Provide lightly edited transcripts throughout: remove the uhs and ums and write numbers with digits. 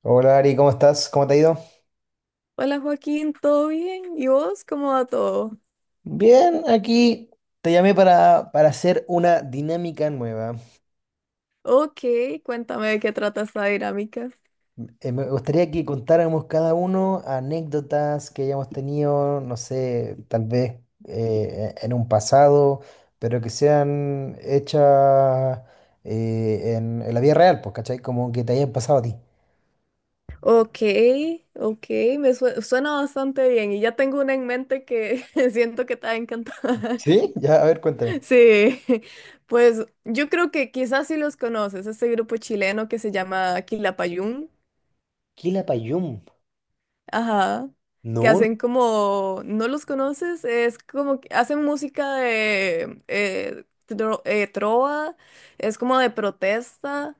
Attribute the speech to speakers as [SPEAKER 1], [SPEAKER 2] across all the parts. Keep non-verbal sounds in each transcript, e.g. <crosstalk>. [SPEAKER 1] Hola Ari, ¿cómo estás? ¿Cómo te ha ido?
[SPEAKER 2] Hola Joaquín, ¿todo bien? ¿Y vos cómo va todo?
[SPEAKER 1] Bien, aquí te llamé para hacer una dinámica nueva.
[SPEAKER 2] Ok, cuéntame de qué trata esta dinámica.
[SPEAKER 1] Me gustaría que contáramos cada uno anécdotas que hayamos tenido, no sé, tal vez en un pasado, pero que sean hechas en la vida real, pues, ¿cachai? Como que te hayan pasado a ti.
[SPEAKER 2] Ok, ok, suena bastante bien y ya tengo una en mente que <laughs> siento que te va a encantar. <laughs>
[SPEAKER 1] ¿Sí? Ya, a ver, cuéntame.
[SPEAKER 2] Sí, pues yo creo que quizás sí los conoces, este grupo chileno que se llama Quilapayún,
[SPEAKER 1] Quilapayún.
[SPEAKER 2] ajá, que
[SPEAKER 1] No.
[SPEAKER 2] hacen como, ¿no los conoces? Es como que hacen música de trova, es como de protesta.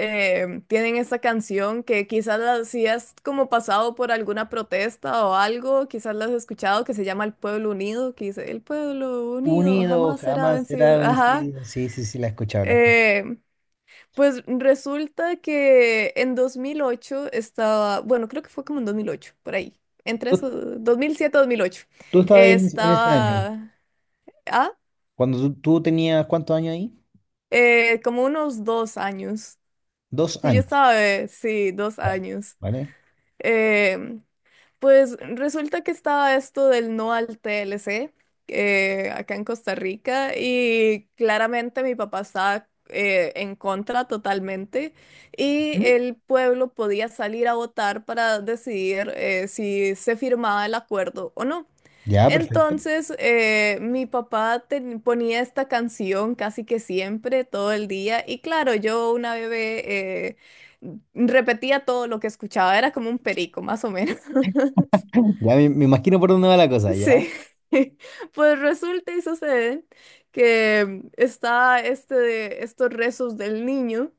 [SPEAKER 2] Tienen esa canción que quizás la, si has como pasado por alguna protesta o algo, quizás la has escuchado, que se llama El Pueblo Unido, que dice, El Pueblo Unido
[SPEAKER 1] Unido
[SPEAKER 2] jamás será
[SPEAKER 1] jamás será
[SPEAKER 2] vencido. Ajá.
[SPEAKER 1] vencido. Sí, sí, sí, la he escuchado. la he
[SPEAKER 2] Eh, pues resulta que en 2008 estaba, bueno, creo que fue como en 2008 por ahí, entre
[SPEAKER 1] escuchado.
[SPEAKER 2] esos, 2007-2008
[SPEAKER 1] Tú estabas ahí en ese año.
[SPEAKER 2] estaba, ah,
[SPEAKER 1] Cuando tú tenías, ¿cuántos años ahí?
[SPEAKER 2] como unos dos años.
[SPEAKER 1] Dos
[SPEAKER 2] Sí, yo
[SPEAKER 1] años.
[SPEAKER 2] estaba, sí, dos
[SPEAKER 1] Ya.
[SPEAKER 2] años.
[SPEAKER 1] ¿Vale?
[SPEAKER 2] Eh, pues resulta que estaba esto del no al TLC acá en Costa Rica y claramente mi papá estaba en contra totalmente y
[SPEAKER 1] Ujú.
[SPEAKER 2] el pueblo podía salir a votar para decidir si se firmaba el acuerdo o no.
[SPEAKER 1] Ya, perfecto.
[SPEAKER 2] Entonces, ponía esta canción casi que siempre, todo el día, y claro, yo una bebé repetía todo lo que escuchaba, era como un perico, más o menos. <laughs>
[SPEAKER 1] Ya me imagino por dónde va la cosa, ¿ya?
[SPEAKER 2] Sí, <laughs> pues resulta y sucede que está este, estos rezos del niño.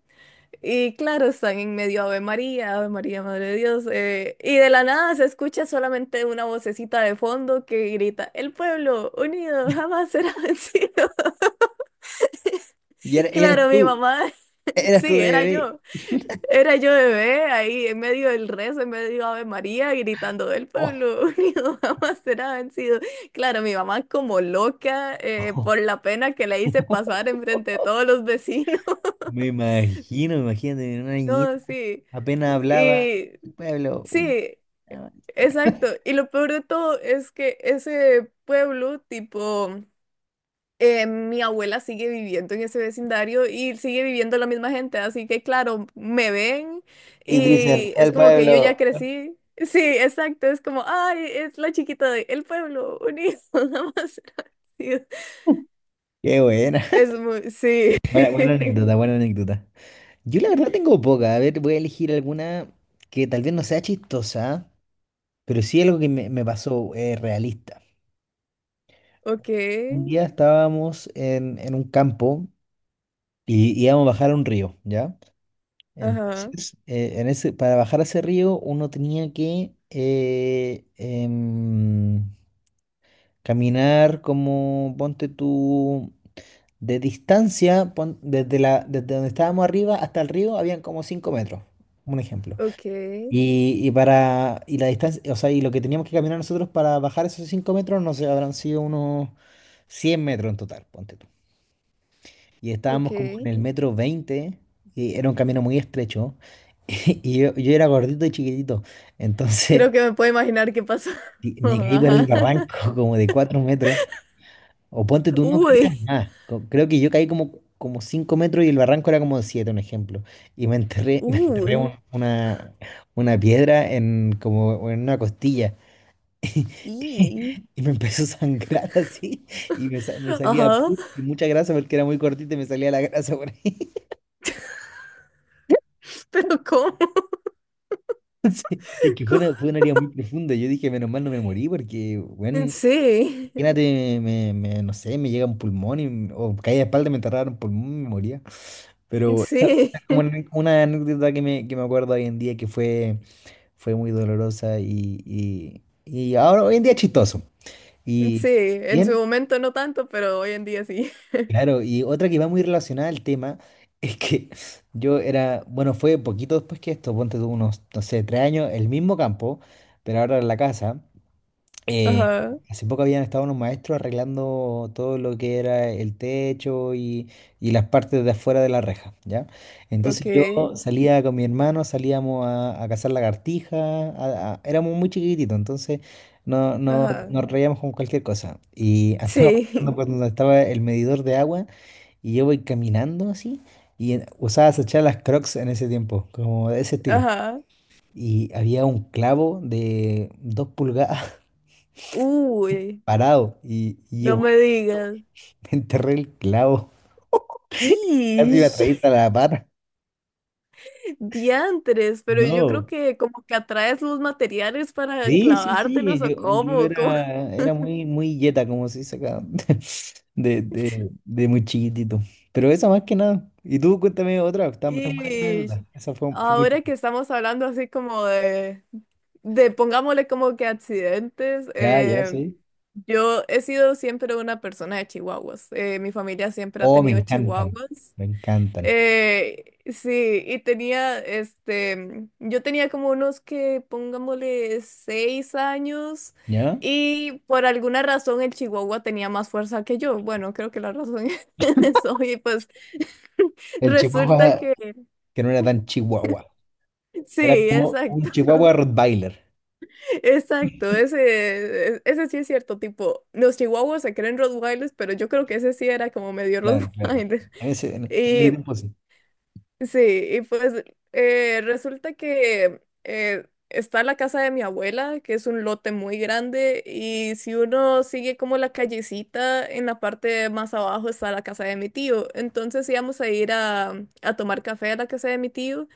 [SPEAKER 2] Y claro, están en medio Ave María, Ave María, Madre de Dios. Y de la nada se escucha solamente una vocecita de fondo que grita, El pueblo unido jamás será vencido. <laughs>
[SPEAKER 1] Y eras
[SPEAKER 2] Claro, mi
[SPEAKER 1] tú,
[SPEAKER 2] mamá, <laughs>
[SPEAKER 1] eras tú
[SPEAKER 2] sí,
[SPEAKER 1] de
[SPEAKER 2] era
[SPEAKER 1] bebé.
[SPEAKER 2] yo. Era yo bebé ahí en medio del rezo, en medio Ave María, gritando, El
[SPEAKER 1] Oh.
[SPEAKER 2] pueblo <laughs> unido jamás será vencido. Claro, mi mamá como loca por la pena que le hice pasar
[SPEAKER 1] <laughs>
[SPEAKER 2] enfrente de todos los vecinos. <laughs>
[SPEAKER 1] Me imagino, imagínate, una niñita
[SPEAKER 2] No, sí.
[SPEAKER 1] apenas hablaba.
[SPEAKER 2] Y...
[SPEAKER 1] El pueblo.
[SPEAKER 2] Sí, exacto. Y lo peor de todo es que ese pueblo, tipo, mi abuela sigue viviendo en ese vecindario y sigue viviendo la misma gente. Así que, claro, me ven
[SPEAKER 1] Y dicen,
[SPEAKER 2] y es
[SPEAKER 1] el
[SPEAKER 2] como que yo
[SPEAKER 1] pueblo.
[SPEAKER 2] ya crecí. Sí, exacto. Es como, ay, es la chiquita de el pueblo unido. <laughs> Nada más era así.
[SPEAKER 1] Qué buena.
[SPEAKER 2] Es muy, sí.
[SPEAKER 1] <laughs> Buena, buena anécdota,
[SPEAKER 2] <laughs>
[SPEAKER 1] buena anécdota. Yo la verdad tengo poca. A ver, voy a elegir alguna que tal vez no sea chistosa. Pero sí algo que me pasó, realista.
[SPEAKER 2] Ok,
[SPEAKER 1] Un día estábamos en un campo y íbamos a bajar a un río, ¿ya?
[SPEAKER 2] ajá,
[SPEAKER 1] Entonces, para bajar a ese río uno tenía que caminar como, ponte tú, de distancia, desde donde estábamos arriba hasta el río habían como 5 metros, un ejemplo.
[SPEAKER 2] ok,
[SPEAKER 1] Y la distancia, o sea, y lo que teníamos que caminar nosotros para bajar esos 5 metros, no sé, habrán sido unos 100 metros en total, ponte tú. Y
[SPEAKER 2] ok.
[SPEAKER 1] estábamos como en el metro 20 y era un camino muy estrecho, <laughs> y yo era gordito y chiquitito, entonces
[SPEAKER 2] Creo que me puedo imaginar qué pasó.
[SPEAKER 1] y
[SPEAKER 2] <laughs>
[SPEAKER 1] me caí por el
[SPEAKER 2] Ajá.
[SPEAKER 1] barranco <laughs> como de 4 metros, o ponte tú, no creo que
[SPEAKER 2] Uy.
[SPEAKER 1] eran más, creo que yo caí como, como 5 metros y el barranco era como de 7, un ejemplo, y me enterré, <laughs> me enterré un-
[SPEAKER 2] Uy.
[SPEAKER 1] una, una piedra en, como en una costilla.
[SPEAKER 2] Y,
[SPEAKER 1] <laughs> Y me empezó a sangrar así, y me salía
[SPEAKER 2] ajá,
[SPEAKER 1] pus y
[SPEAKER 2] <laughs>
[SPEAKER 1] mucha grasa porque era muy cortita y me salía la grasa por ahí. <laughs>
[SPEAKER 2] pero ¿cómo? <laughs>
[SPEAKER 1] Es que
[SPEAKER 2] ¿Cómo?
[SPEAKER 1] fue una herida muy profunda. Yo dije, menos mal no me morí porque, bueno,
[SPEAKER 2] Sí,
[SPEAKER 1] imagínate, no sé, me llega un pulmón y o caí de espalda, me enterraron un pulmón y me moría. Pero esta
[SPEAKER 2] sí,
[SPEAKER 1] es como una anécdota que me acuerdo hoy en día que fue, fue muy dolorosa y, y ahora hoy en día es chistoso.
[SPEAKER 2] sí,
[SPEAKER 1] Y
[SPEAKER 2] en su
[SPEAKER 1] bien.
[SPEAKER 2] momento no tanto, pero hoy en día sí.
[SPEAKER 1] Claro, y otra que va muy relacionada al tema es que <laughs> yo era, bueno, fue poquito después que esto, ponte tú unos, no sé, 3 años, el mismo campo, pero ahora en la casa. eh,
[SPEAKER 2] Ajá,
[SPEAKER 1] hace poco habían estado unos maestros arreglando todo lo que era el techo y las partes de afuera de la reja, ¿ya?
[SPEAKER 2] ok,
[SPEAKER 1] Entonces yo salía con mi hermano, salíamos a cazar lagartijas, éramos muy chiquititos, entonces no, no,
[SPEAKER 2] ajá,
[SPEAKER 1] nos reíamos con cualquier cosa. Y andábamos <laughs>
[SPEAKER 2] sí,
[SPEAKER 1] cuando estaba el medidor de agua. Y yo voy caminando así. Y usaba echar las Crocs en ese tiempo, como de ese estilo.
[SPEAKER 2] ajá,
[SPEAKER 1] Y había un clavo de 2 pulgadas <laughs>
[SPEAKER 2] uy,
[SPEAKER 1] parado. Y yo
[SPEAKER 2] no me
[SPEAKER 1] voy,
[SPEAKER 2] digas.
[SPEAKER 1] <laughs> me enterré el clavo.
[SPEAKER 2] Y
[SPEAKER 1] Casi me atraviesa la pata.
[SPEAKER 2] <laughs> diantres, pero yo creo
[SPEAKER 1] No.
[SPEAKER 2] que como que atraes los materiales para
[SPEAKER 1] Sí, sí, sí.
[SPEAKER 2] clavártelos o
[SPEAKER 1] Yo
[SPEAKER 2] cómo, cómo.
[SPEAKER 1] era, era
[SPEAKER 2] <laughs>
[SPEAKER 1] muy, muy yeta, como se dice acá. <laughs> De muy chiquitito. Pero esa más que nada. Y tú cuéntame otra. Está, está buena tu
[SPEAKER 2] Y
[SPEAKER 1] anécdota. Esa fue, fue muy...
[SPEAKER 2] ahora que estamos hablando así como de pongámosle como que accidentes,
[SPEAKER 1] Ya, ya, sí.
[SPEAKER 2] yo he sido siempre una persona de chihuahuas. Mi familia siempre ha
[SPEAKER 1] Oh, me
[SPEAKER 2] tenido
[SPEAKER 1] encantan,
[SPEAKER 2] chihuahuas.
[SPEAKER 1] me encantan.
[SPEAKER 2] Sí, y tenía, este, yo tenía como unos que pongámosle seis años
[SPEAKER 1] ¿Ya?
[SPEAKER 2] y por alguna razón el chihuahua tenía más fuerza que yo. Bueno, creo que la razón <laughs> es eso y pues... <laughs>
[SPEAKER 1] El
[SPEAKER 2] Resulta
[SPEAKER 1] chihuahua
[SPEAKER 2] que
[SPEAKER 1] que no era tan chihuahua, era
[SPEAKER 2] sí,
[SPEAKER 1] como
[SPEAKER 2] exacto,
[SPEAKER 1] un chihuahua Rottweiler.
[SPEAKER 2] <laughs> exacto, ese, e, ese sí es cierto, tipo, los chihuahuas se creen Rottweilers, pero yo creo que ese sí era como medio
[SPEAKER 1] Claro, claro.
[SPEAKER 2] Rottweiler.
[SPEAKER 1] En ese, en,
[SPEAKER 2] <laughs>
[SPEAKER 1] en ese
[SPEAKER 2] Y
[SPEAKER 1] tiempo sí.
[SPEAKER 2] sí, y pues resulta que está la casa de mi abuela, que es un lote muy grande, y si uno sigue como la callecita, en la parte más abajo está la casa de mi tío. Entonces íbamos a ir a tomar café a la casa de mi tío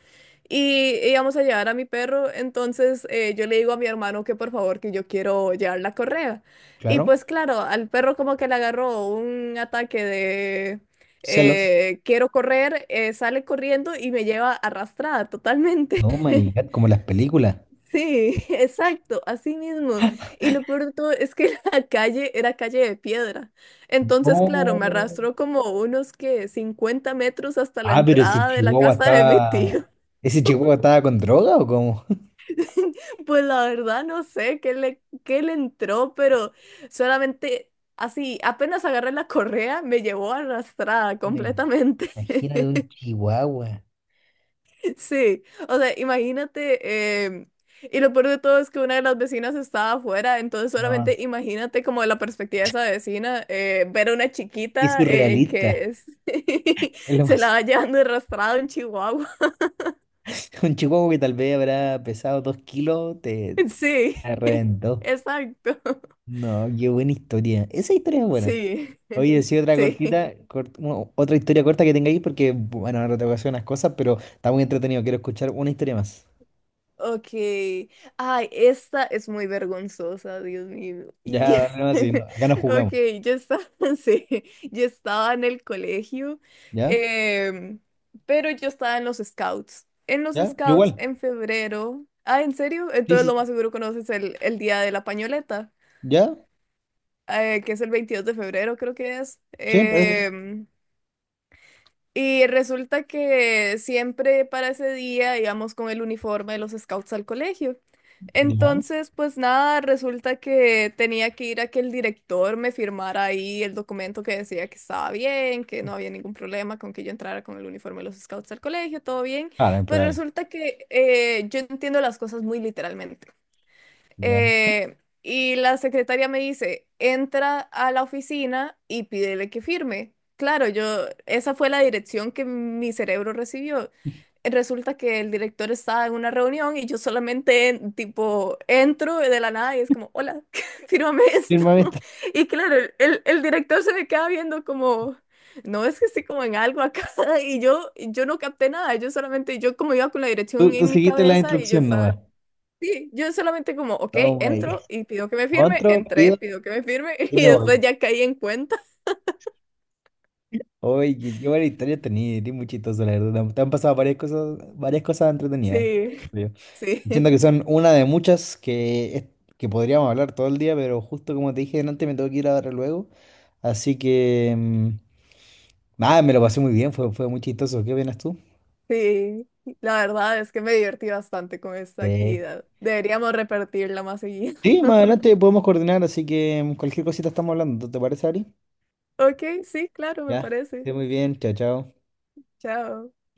[SPEAKER 2] y íbamos a llevar a mi perro. Entonces yo le digo a mi hermano que por favor que yo quiero llevar la correa. Y
[SPEAKER 1] Claro.
[SPEAKER 2] pues claro, al perro como que le agarró un ataque
[SPEAKER 1] Celos.
[SPEAKER 2] quiero correr, sale corriendo y me lleva arrastrada totalmente.
[SPEAKER 1] No,
[SPEAKER 2] <laughs>
[SPEAKER 1] my God, como las películas.
[SPEAKER 2] Sí, exacto, así mismo. Y lo peor de todo es que <laughs> la calle era calle de piedra. Entonces, claro,
[SPEAKER 1] No.
[SPEAKER 2] me arrastró como unos que 50 metros hasta la
[SPEAKER 1] Ah, pero ese
[SPEAKER 2] entrada de la
[SPEAKER 1] chihuahua
[SPEAKER 2] casa de mi tío.
[SPEAKER 1] estaba. ¿Ese chihuahua estaba con droga o cómo?
[SPEAKER 2] <laughs> Pues la verdad no sé qué le entró, pero solamente así, apenas agarré la correa, me llevó arrastrada
[SPEAKER 1] Me-
[SPEAKER 2] completamente.
[SPEAKER 1] Imagínate un
[SPEAKER 2] <laughs>
[SPEAKER 1] chihuahua.
[SPEAKER 2] Sí, o sea, imagínate, y lo peor de todo es que una de las vecinas estaba afuera, entonces
[SPEAKER 1] No,
[SPEAKER 2] solamente imagínate como de la perspectiva de esa vecina, ver a una
[SPEAKER 1] es
[SPEAKER 2] chiquita
[SPEAKER 1] surrealista. Es
[SPEAKER 2] <laughs>
[SPEAKER 1] lo
[SPEAKER 2] se la
[SPEAKER 1] más.
[SPEAKER 2] va llevando arrastrado en Chihuahua.
[SPEAKER 1] <laughs> Un chihuahua que tal vez habrá pesado 2 kilos, te
[SPEAKER 2] <laughs> Sí,
[SPEAKER 1] te
[SPEAKER 2] <laughs>
[SPEAKER 1] reventó.
[SPEAKER 2] exacto.
[SPEAKER 1] No, qué buena historia. Esa historia es buena.
[SPEAKER 2] Sí,
[SPEAKER 1] Oye. Sí, sí, otra
[SPEAKER 2] sí.
[SPEAKER 1] cortita, bueno, otra historia corta que tengáis, porque, bueno, ahora te voy a hacer unas cosas, pero está muy entretenido. Quiero escuchar una historia más.
[SPEAKER 2] Ok. Ay, esta es muy vergonzosa, Dios mío.
[SPEAKER 1] Ya,
[SPEAKER 2] Y...
[SPEAKER 1] dale más, sí, no,
[SPEAKER 2] <laughs>
[SPEAKER 1] acá nos
[SPEAKER 2] Ok,
[SPEAKER 1] jugamos.
[SPEAKER 2] yo estaba, <laughs> sí, yo estaba en el colegio,
[SPEAKER 1] ¿Ya?
[SPEAKER 2] em, pero yo estaba en los scouts. En los
[SPEAKER 1] ¿Ya? Yo
[SPEAKER 2] scouts,
[SPEAKER 1] igual.
[SPEAKER 2] en febrero. Ah, ¿en serio?
[SPEAKER 1] Sí,
[SPEAKER 2] Entonces
[SPEAKER 1] sí.
[SPEAKER 2] lo más seguro conoces el día de la pañoleta,
[SPEAKER 1] ¿Ya?
[SPEAKER 2] que es el 22 de febrero, creo que es.
[SPEAKER 1] Sí, parece.
[SPEAKER 2] Y resulta que siempre para ese día íbamos con el uniforme de los scouts al colegio.
[SPEAKER 1] Ya.
[SPEAKER 2] Entonces, pues nada, resulta que tenía que ir a que el director me firmara ahí el documento que decía que estaba bien, que no había ningún problema con que yo entrara con el uniforme de los scouts al colegio, todo bien.
[SPEAKER 1] Claro,
[SPEAKER 2] Pues
[SPEAKER 1] impecable.
[SPEAKER 2] resulta que yo entiendo las cosas muy literalmente.
[SPEAKER 1] Ya.
[SPEAKER 2] Y la secretaria me dice, entra a la oficina y pídele que firme. Claro, yo, esa fue la dirección que mi cerebro recibió. Resulta que el director estaba en una reunión y yo solamente, tipo, entro de la nada y es como, hola, <laughs> fírmame esto.
[SPEAKER 1] Firma esta.
[SPEAKER 2] <laughs> Y claro, el director se me queda viendo como, no, es que estoy como en algo acá. <laughs> Yo no capté nada, yo solamente, yo como iba con la dirección
[SPEAKER 1] Tú
[SPEAKER 2] en mi
[SPEAKER 1] seguiste la
[SPEAKER 2] cabeza y yo
[SPEAKER 1] instrucción
[SPEAKER 2] estaba...
[SPEAKER 1] nomás.
[SPEAKER 2] Sí, yo solamente como, ok,
[SPEAKER 1] Oh my God.
[SPEAKER 2] entro y pido que me firme,
[SPEAKER 1] Otro,
[SPEAKER 2] entré,
[SPEAKER 1] pido
[SPEAKER 2] pido que me firme <laughs>
[SPEAKER 1] y
[SPEAKER 2] y
[SPEAKER 1] me
[SPEAKER 2] después
[SPEAKER 1] voy.
[SPEAKER 2] ya caí en cuenta.
[SPEAKER 1] Oye, qué buena historia tenía, eres muy chistoso, la verdad. Te han pasado varias cosas entretenidas.
[SPEAKER 2] Sí, <laughs>
[SPEAKER 1] Siento
[SPEAKER 2] sí,
[SPEAKER 1] que son una de muchas que podríamos hablar todo el día, pero justo como te dije antes, me tengo que ir ahora luego. Así que, nada, me lo pasé muy bien, fue, fue muy chistoso. ¿Qué opinas tú?
[SPEAKER 2] sí. La verdad es que me divertí bastante con esta
[SPEAKER 1] Sí.
[SPEAKER 2] actividad. Deberíamos repetirla más seguido. <laughs>
[SPEAKER 1] Sí, más adelante podemos coordinar, así que cualquier cosita estamos hablando. ¿Te parece, Ari?
[SPEAKER 2] Ok, sí, claro, me
[SPEAKER 1] Ya,
[SPEAKER 2] parece.
[SPEAKER 1] esté muy bien, chao, chao.
[SPEAKER 2] Chao.